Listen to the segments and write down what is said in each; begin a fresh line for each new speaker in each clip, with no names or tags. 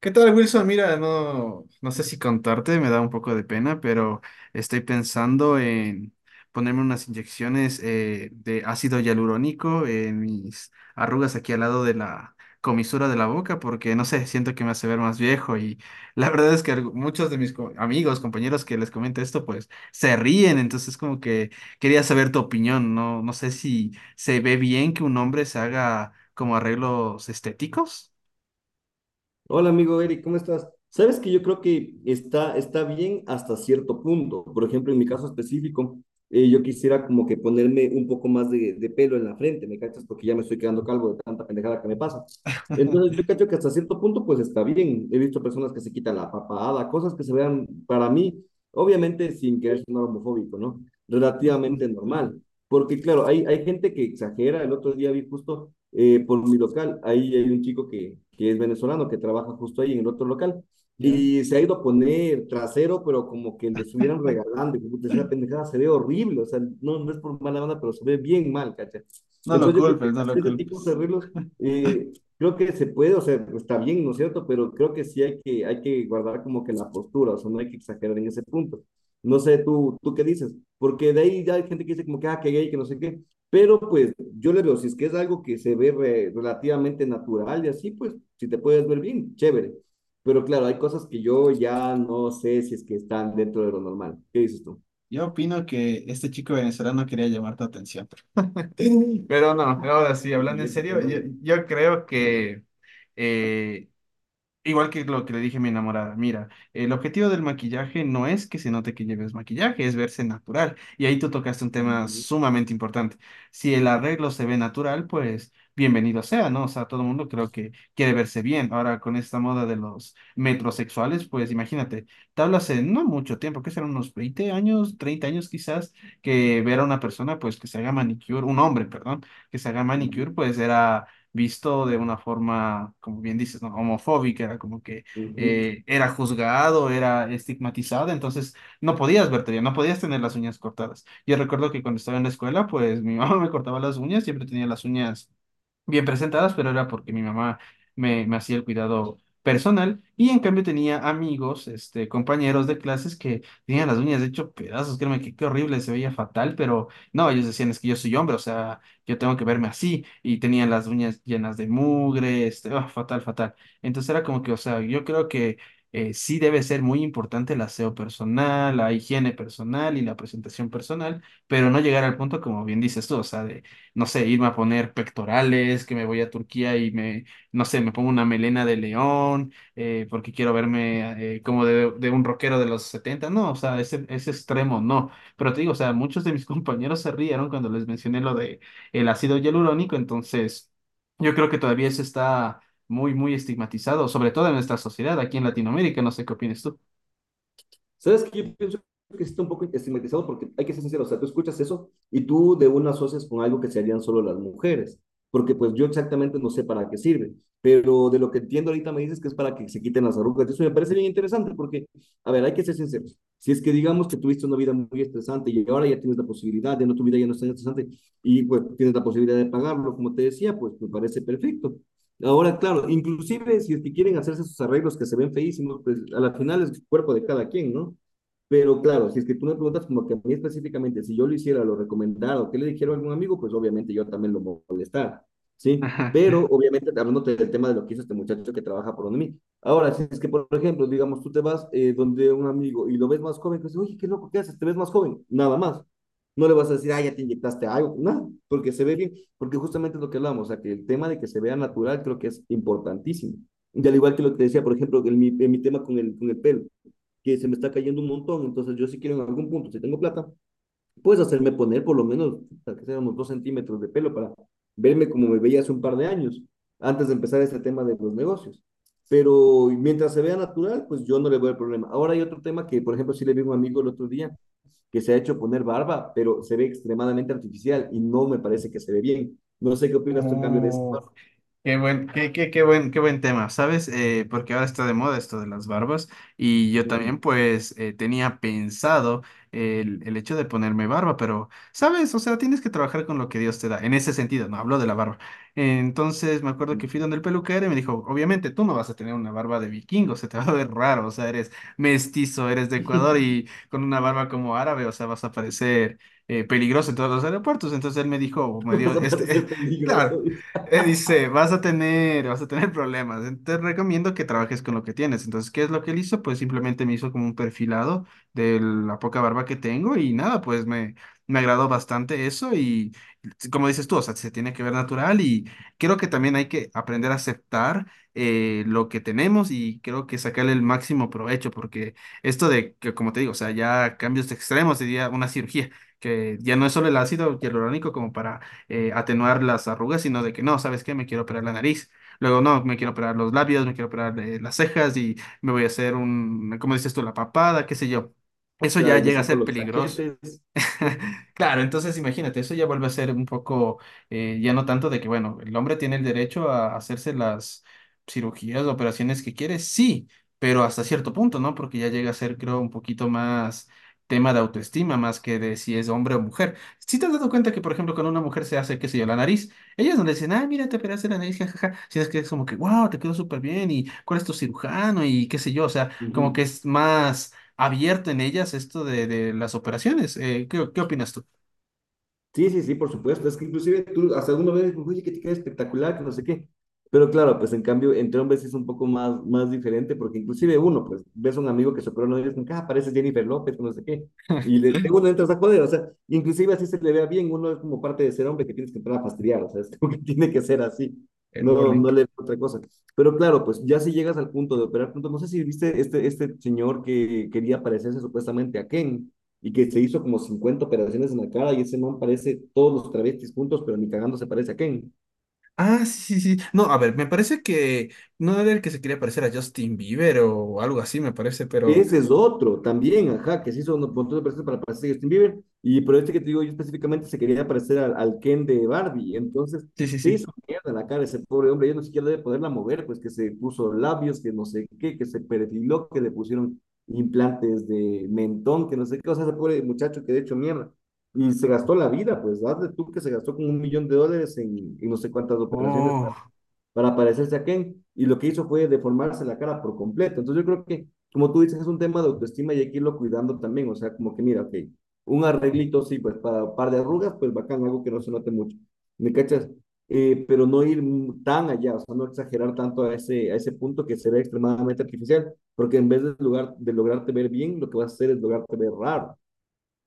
¿Qué tal, Wilson? Mira, no, no sé si contarte, me da un poco de pena, pero estoy pensando en ponerme unas inyecciones de ácido hialurónico en mis arrugas aquí al lado de la comisura de la boca, porque no sé, siento que me hace ver más viejo y la verdad es que muchos de mis amigos, compañeros que les comento esto, pues se ríen, entonces como que quería saber tu opinión, no, no sé si se ve bien que un hombre se haga como arreglos estéticos.
Hola amigo Eric, ¿cómo estás? Sabes que yo creo que está bien hasta cierto punto. Por ejemplo, en mi caso específico, yo quisiera como que ponerme un poco más de pelo en la frente, ¿me cachas? Porque ya me estoy quedando calvo de tanta pendejada que me pasa. Entonces yo cacho que hasta cierto punto pues está bien. He visto personas que se quitan la papada, cosas que se vean para mí, obviamente sin querer sonar homofóbico, ¿no? Relativamente normal. Porque claro, hay gente que exagera. El otro día vi justo por mi local. Ahí hay un chico que es venezolano, que trabaja justo ahí en el otro local.
¿Ya?
Y se ha ido a poner trasero, pero como que lo estuvieran regalando. Y como, puta, esa pendejada se ve horrible, o sea, no es por mala banda, pero se ve bien mal, ¿cachai?
No lo
Entonces yo creo que
culpes, no lo
hacer ese tipo de
culpes.
arreglos, eh, creo que se puede, o sea, está bien, ¿no es cierto? Pero creo que sí hay que guardar como que la postura, o sea, no hay que exagerar en ese punto. No sé, tú qué dices, porque de ahí ya hay gente que dice como que, ah, que gay, que no sé qué, pero pues yo le veo, si es que es algo que se ve relativamente natural y así, pues si te puedes ver bien, chévere. Pero claro, hay cosas que yo ya no sé si es que están dentro de lo normal. ¿Qué dices tú?
Yo opino que este chico venezolano quería llamar tu atención. Pero no, ahora sí,
Qué
hablando en
mierda,
serio, yo,
madre.
yo creo que eh, igual que lo que le dije a mi enamorada, mira, el objetivo del maquillaje no es que se note que lleves maquillaje, es verse natural. Y ahí tú tocaste un tema
Ujú,
sumamente importante. Si el arreglo se ve natural, pues bienvenido sea, ¿no? O sea, todo el mundo creo que quiere verse bien. Ahora, con esta moda de los metrosexuales, pues imagínate, te hablo hace no mucho tiempo, que serán unos 20 años, 30 años quizás, que ver a una persona, pues que se haga manicure, un hombre, perdón, que se haga
ujú.
manicure, pues era visto de una forma, como bien dices, ¿no?, homofóbica, era como que
Ujú.
era juzgado, era estigmatizado, entonces no podías verte bien, no podías tener las uñas cortadas. Yo recuerdo que cuando estaba en la escuela, pues mi mamá me cortaba las uñas, siempre tenía las uñas bien presentadas, pero era porque mi mamá me hacía el cuidado personal y en cambio tenía amigos, este, compañeros de clases que tenían las uñas de hecho pedazos, créeme que qué horrible, se veía fatal, pero no, ellos decían es que yo soy hombre, o sea, yo tengo que verme así y tenían las uñas llenas de mugre, este, ah, fatal, fatal. Entonces era como que, o sea, yo creo que sí debe ser muy importante el aseo personal, la higiene personal y la presentación personal, pero no llegar al punto como bien dices tú, o sea, de no sé, irme a poner pectorales, que me voy a Turquía y me, no sé, me pongo una melena de león, porque quiero verme como de un rockero de los setenta. No, o sea, ese extremo no. Pero te digo, o sea, muchos de mis compañeros se rieron cuando les mencioné lo de el ácido hialurónico, entonces yo creo que todavía eso está muy, muy estigmatizado, sobre todo en nuestra sociedad, aquí en Latinoamérica, no sé qué opinas tú.
¿Sabes que yo pienso que sí está un poco estigmatizado? Porque hay que ser sincero, o sea, tú escuchas eso y tú de una asocias con algo que se harían solo las mujeres, porque pues yo exactamente no sé para qué sirve, pero de lo que entiendo ahorita me dices que es para que se quiten las arrugas, eso me parece bien interesante porque, a ver, hay que ser sinceros, si es que digamos que tuviste una vida muy estresante y ahora ya tienes la posibilidad, ya no tu vida ya no es tan estresante y pues tienes la posibilidad de pagarlo, como te decía, pues me parece perfecto. Ahora, claro, inclusive si es que quieren hacerse sus arreglos que se ven feísimos, pues a la final es el cuerpo de cada quien, ¿no? Pero claro, si es que tú me preguntas como que a mí específicamente, si yo lo hiciera, lo recomendara o que le dijera a algún amigo, pues obviamente yo también lo molestara, ¿sí? Pero obviamente hablando del tema de lo que hizo este muchacho que trabaja por donde mí. Ahora, si es que, por ejemplo, digamos, tú te vas donde un amigo y lo ves más joven, que dice, oye, qué loco, ¿qué haces? ¿Te ves más joven? Nada más. No le vas a decir, ah, ya te inyectaste algo, nada, porque se ve bien, porque justamente es lo que hablamos, o sea, que el tema de que se vea natural creo que es importantísimo. Y al igual que lo que te decía, por ejemplo, en mi tema con con el pelo, que se me está cayendo un montón, entonces yo si quiero en algún punto, si tengo plata, puedes hacerme poner por lo menos, para que seamos 2 centímetros de pelo para verme como me veía hace un par de años, antes de empezar este tema de los negocios. Pero mientras se vea natural, pues yo no le veo el problema. Ahora hay otro tema que, por ejemplo, sí le vi a un amigo el otro día, que se ha hecho poner barba, pero se ve extremadamente artificial y no me parece que se ve bien. No sé qué opinas tú en cambio de eso.
Uf. Qué buen, qué, qué, qué buen tema, ¿sabes? Porque ahora está de moda esto de las barbas y yo
Mm,
también pues tenía pensado el hecho de ponerme barba, pero, ¿sabes? O sea, tienes que trabajar con lo que Dios te da, en ese sentido, no hablo de la barba. Entonces me acuerdo que fui
mm,
donde el peluquero y me dijo, obviamente tú no vas a tener una barba de vikingo, se te va a ver raro, o sea, eres mestizo, eres de Ecuador
mm.
y con una barba como árabe, o sea, vas a parecer... peligroso en todos los aeropuertos. Entonces él me dijo, o me dio
Vas a
este,
parecer
claro,
peligroso. Dice.
dice, vas a tener problemas. Te recomiendo que trabajes con lo que tienes. Entonces, ¿qué es lo que él hizo? Pues simplemente me hizo como un perfilado de la poca barba que tengo y nada, pues me agradó bastante eso y como dices tú, o sea, se tiene que ver natural y creo que también hay que aprender a aceptar lo que tenemos y creo que sacarle el máximo provecho porque esto de que, como te digo, o sea, ya cambios extremos, diría una cirugía, que ya no es solo el ácido hialurónico como para atenuar las arrugas, sino de que no, ¿sabes qué? Me quiero operar la nariz. Luego, no, me quiero operar los labios, me quiero operar las cejas y me voy a hacer un, ¿cómo dices tú? La papada, qué sé yo. Eso
Claro,
ya
y me
llega a
saco
ser
los
peligroso.
cachetes. No, pues.
Claro, entonces imagínate, eso ya vuelve a ser un poco, ya no tanto de que, bueno, el hombre tiene el derecho a hacerse las cirugías, operaciones que quiere, sí, pero hasta cierto punto, ¿no? Porque ya llega a ser, creo, un poquito más tema de autoestima, más que de si es hombre o mujer. Si te has dado cuenta que, por ejemplo, cuando una mujer se hace, qué sé yo, la nariz, ellas no le dicen, ah, mira, te operaste la nariz, jajaja, sino es que es como que, wow, te quedó súper bien, ¿y cuál es tu cirujano?, y qué sé yo, o sea, como que
Ujú.
es más abierto en ellas esto de las operaciones. ¿Qué, qué opinas tú?
Sí, sí, sí, por supuesto. Es que inclusive tú hasta uno ve, oye, que te queda espectacular, que no sé qué. Pero claro, pues en cambio, entre hombres es un poco más, más diferente, porque inclusive uno, pues, ves a un amigo que se operó, no dices, ah, pareces Jennifer López, que no sé qué. Y le, de uno entras a joder, o sea, inclusive así se le vea bien, uno es como parte de ser hombre que tienes que entrar a fastidiar, o sea, es como que tiene que ser así.
El
No,
bowling.
no le veo otra cosa. Pero claro, pues ya si llegas al punto de operar, pronto, no sé si viste este señor que quería parecerse supuestamente a Ken y que se hizo como 50 operaciones en la cara y ese man parece todos los travestis juntos, pero ni cagando se parece a Ken.
Ah, sí, sí, sí. No, a ver, me parece que no era el que se quería parecer a Justin Bieber o algo así, me parece, pero
Ese es otro también, ajá, que se hizo un montón de personas para parecer a Justin Bieber, y por este que te digo yo específicamente se quería parecer al Ken de Barbie, entonces
sí, sí,
se
sí.
hizo mierda la cara ese pobre hombre, ya no siquiera debe poderla mover, pues que se puso labios, que no sé qué, que se perfiló, que le pusieron implantes de mentón, que no sé qué, o sea, ese pobre muchacho que de hecho mierda, y se gastó la vida, pues hazle tú que se gastó como un millón de dólares en no sé cuántas operaciones
Oh.
para parecerse a Ken, y lo que hizo fue deformarse la cara por completo. Entonces yo creo que, como tú dices, es un tema de autoestima y hay que irlo cuidando también, o sea, como que mira, ok, un arreglito, sí, pues para un par de arrugas, pues bacán, algo que no se note mucho, ¿me cachas? Pero no ir tan allá, o sea, no exagerar tanto a ese punto que se ve extremadamente artificial, porque en vez de, lugar, de lograrte ver bien, lo que vas a hacer es lograrte ver raro.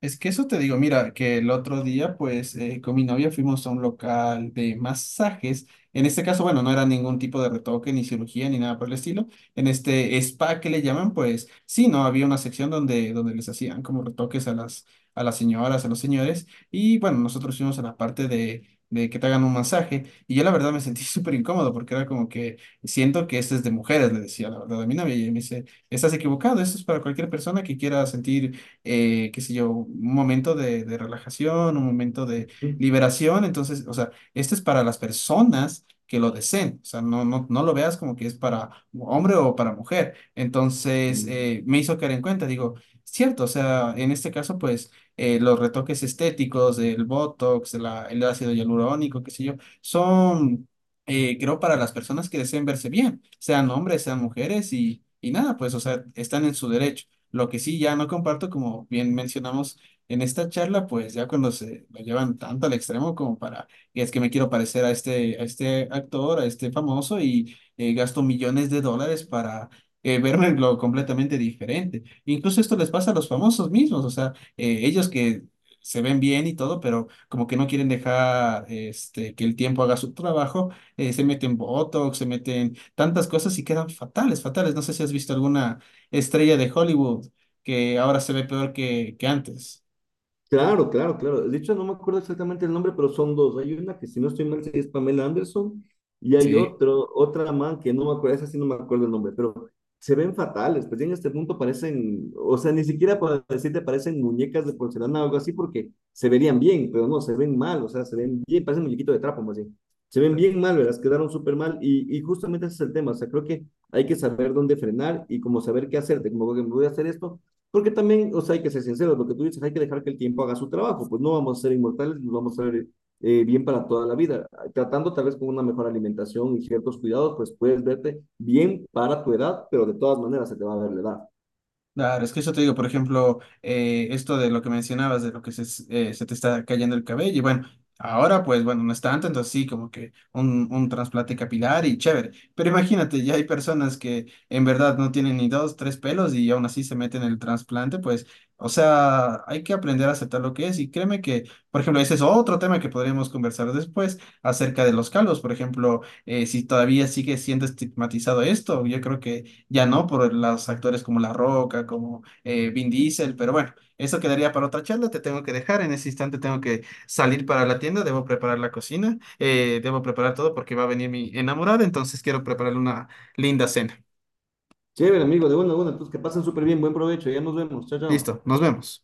Es que eso te digo, mira, que el otro día, pues, con mi novia fuimos a un local de masajes. En este caso, bueno, no era ningún tipo de retoque, ni cirugía, ni nada por el estilo. En este spa que le llaman, pues, sí, no, había una sección donde, donde les hacían como retoques a las señoras, a los señores. Y bueno, nosotros fuimos a la parte de que te hagan un masaje. Y yo la verdad me sentí súper incómodo porque era como que siento que este es de mujeres, le decía la verdad a mi novia. Y ella me dice, estás equivocado, esto es para cualquier persona que quiera sentir qué sé yo, un momento de relajación, un momento de liberación. Entonces, o sea, este es para las personas que lo deseen. O sea, no, no, no lo veas como que es para hombre o para mujer. Entonces,
Mm-hmm.
me hizo caer en cuenta, digo, cierto, o sea, en este caso, pues, los retoques estéticos, el Botox, el ácido hialurónico, qué sé yo, son creo, para las personas que deseen verse bien, sean hombres, sean mujeres y nada, pues, o sea, están en su derecho. Lo que sí ya no comparto, como bien mencionamos en esta charla, pues ya cuando se lo llevan tanto al extremo como para, y es que me quiero parecer a este actor, a este famoso y gasto millones de dólares para verme lo completamente diferente. Incluso esto les pasa a los famosos mismos, o sea, ellos que se ven bien y todo, pero como que no quieren dejar este, que el tiempo haga su trabajo, se meten Botox, se meten tantas cosas y quedan fatales, fatales. No sé si has visto alguna estrella de Hollywood, que ahora se ve peor que antes.
Claro, claro, claro. De hecho, no me acuerdo exactamente el nombre, pero son dos. Hay una que, si no estoy mal, sí es Pamela Anderson, y hay
Sí.
otra man que no me acuerdo, esa sí no me acuerdo el nombre, pero se ven fatales. Pues ya en este punto parecen, o sea, ni siquiera para decirte parecen muñecas de porcelana o algo así, porque se verían bien, pero no, se ven mal, o sea, se ven bien, parecen muñequito de trapo más bien. Se ven bien mal, ¿verdad? Quedaron súper mal, y justamente ese es el tema. O sea, creo que hay que saber dónde frenar y como saber qué hacerte, como que me voy a hacer esto. Porque también, o sea, hay que ser sinceros, lo que tú dices, hay que dejar que el tiempo haga su trabajo, pues no vamos a ser inmortales, nos vamos a ver bien para toda la vida. Tratando tal vez con una mejor alimentación y ciertos cuidados, pues puedes verte bien para tu edad, pero de todas maneras se te va a ver la edad.
Claro, es que eso te digo, por ejemplo, esto de lo que mencionabas, de lo que se, se te está cayendo el cabello, y bueno, ahora pues bueno, no es tanto, entonces sí, como que un trasplante capilar y chévere, pero imagínate, ya hay personas que en verdad no tienen ni dos, tres pelos y aún así se meten el trasplante, pues, o sea, hay que aprender a aceptar lo que es y créeme que, por ejemplo, ese es otro tema que podríamos conversar después acerca de los calvos, por ejemplo, si todavía sigue siendo estigmatizado esto, yo creo que ya no por los actores como La Roca, como Vin Diesel, pero bueno, eso quedaría para otra charla. Te tengo que dejar. En ese instante tengo que salir para la tienda. Debo preparar la cocina. Debo preparar todo porque va a venir mi enamorada. Entonces quiero prepararle una linda cena.
Chévere, amigo, de una a una, entonces que pasen súper bien, buen provecho, ya nos vemos, chao, chao.
Listo, nos vemos.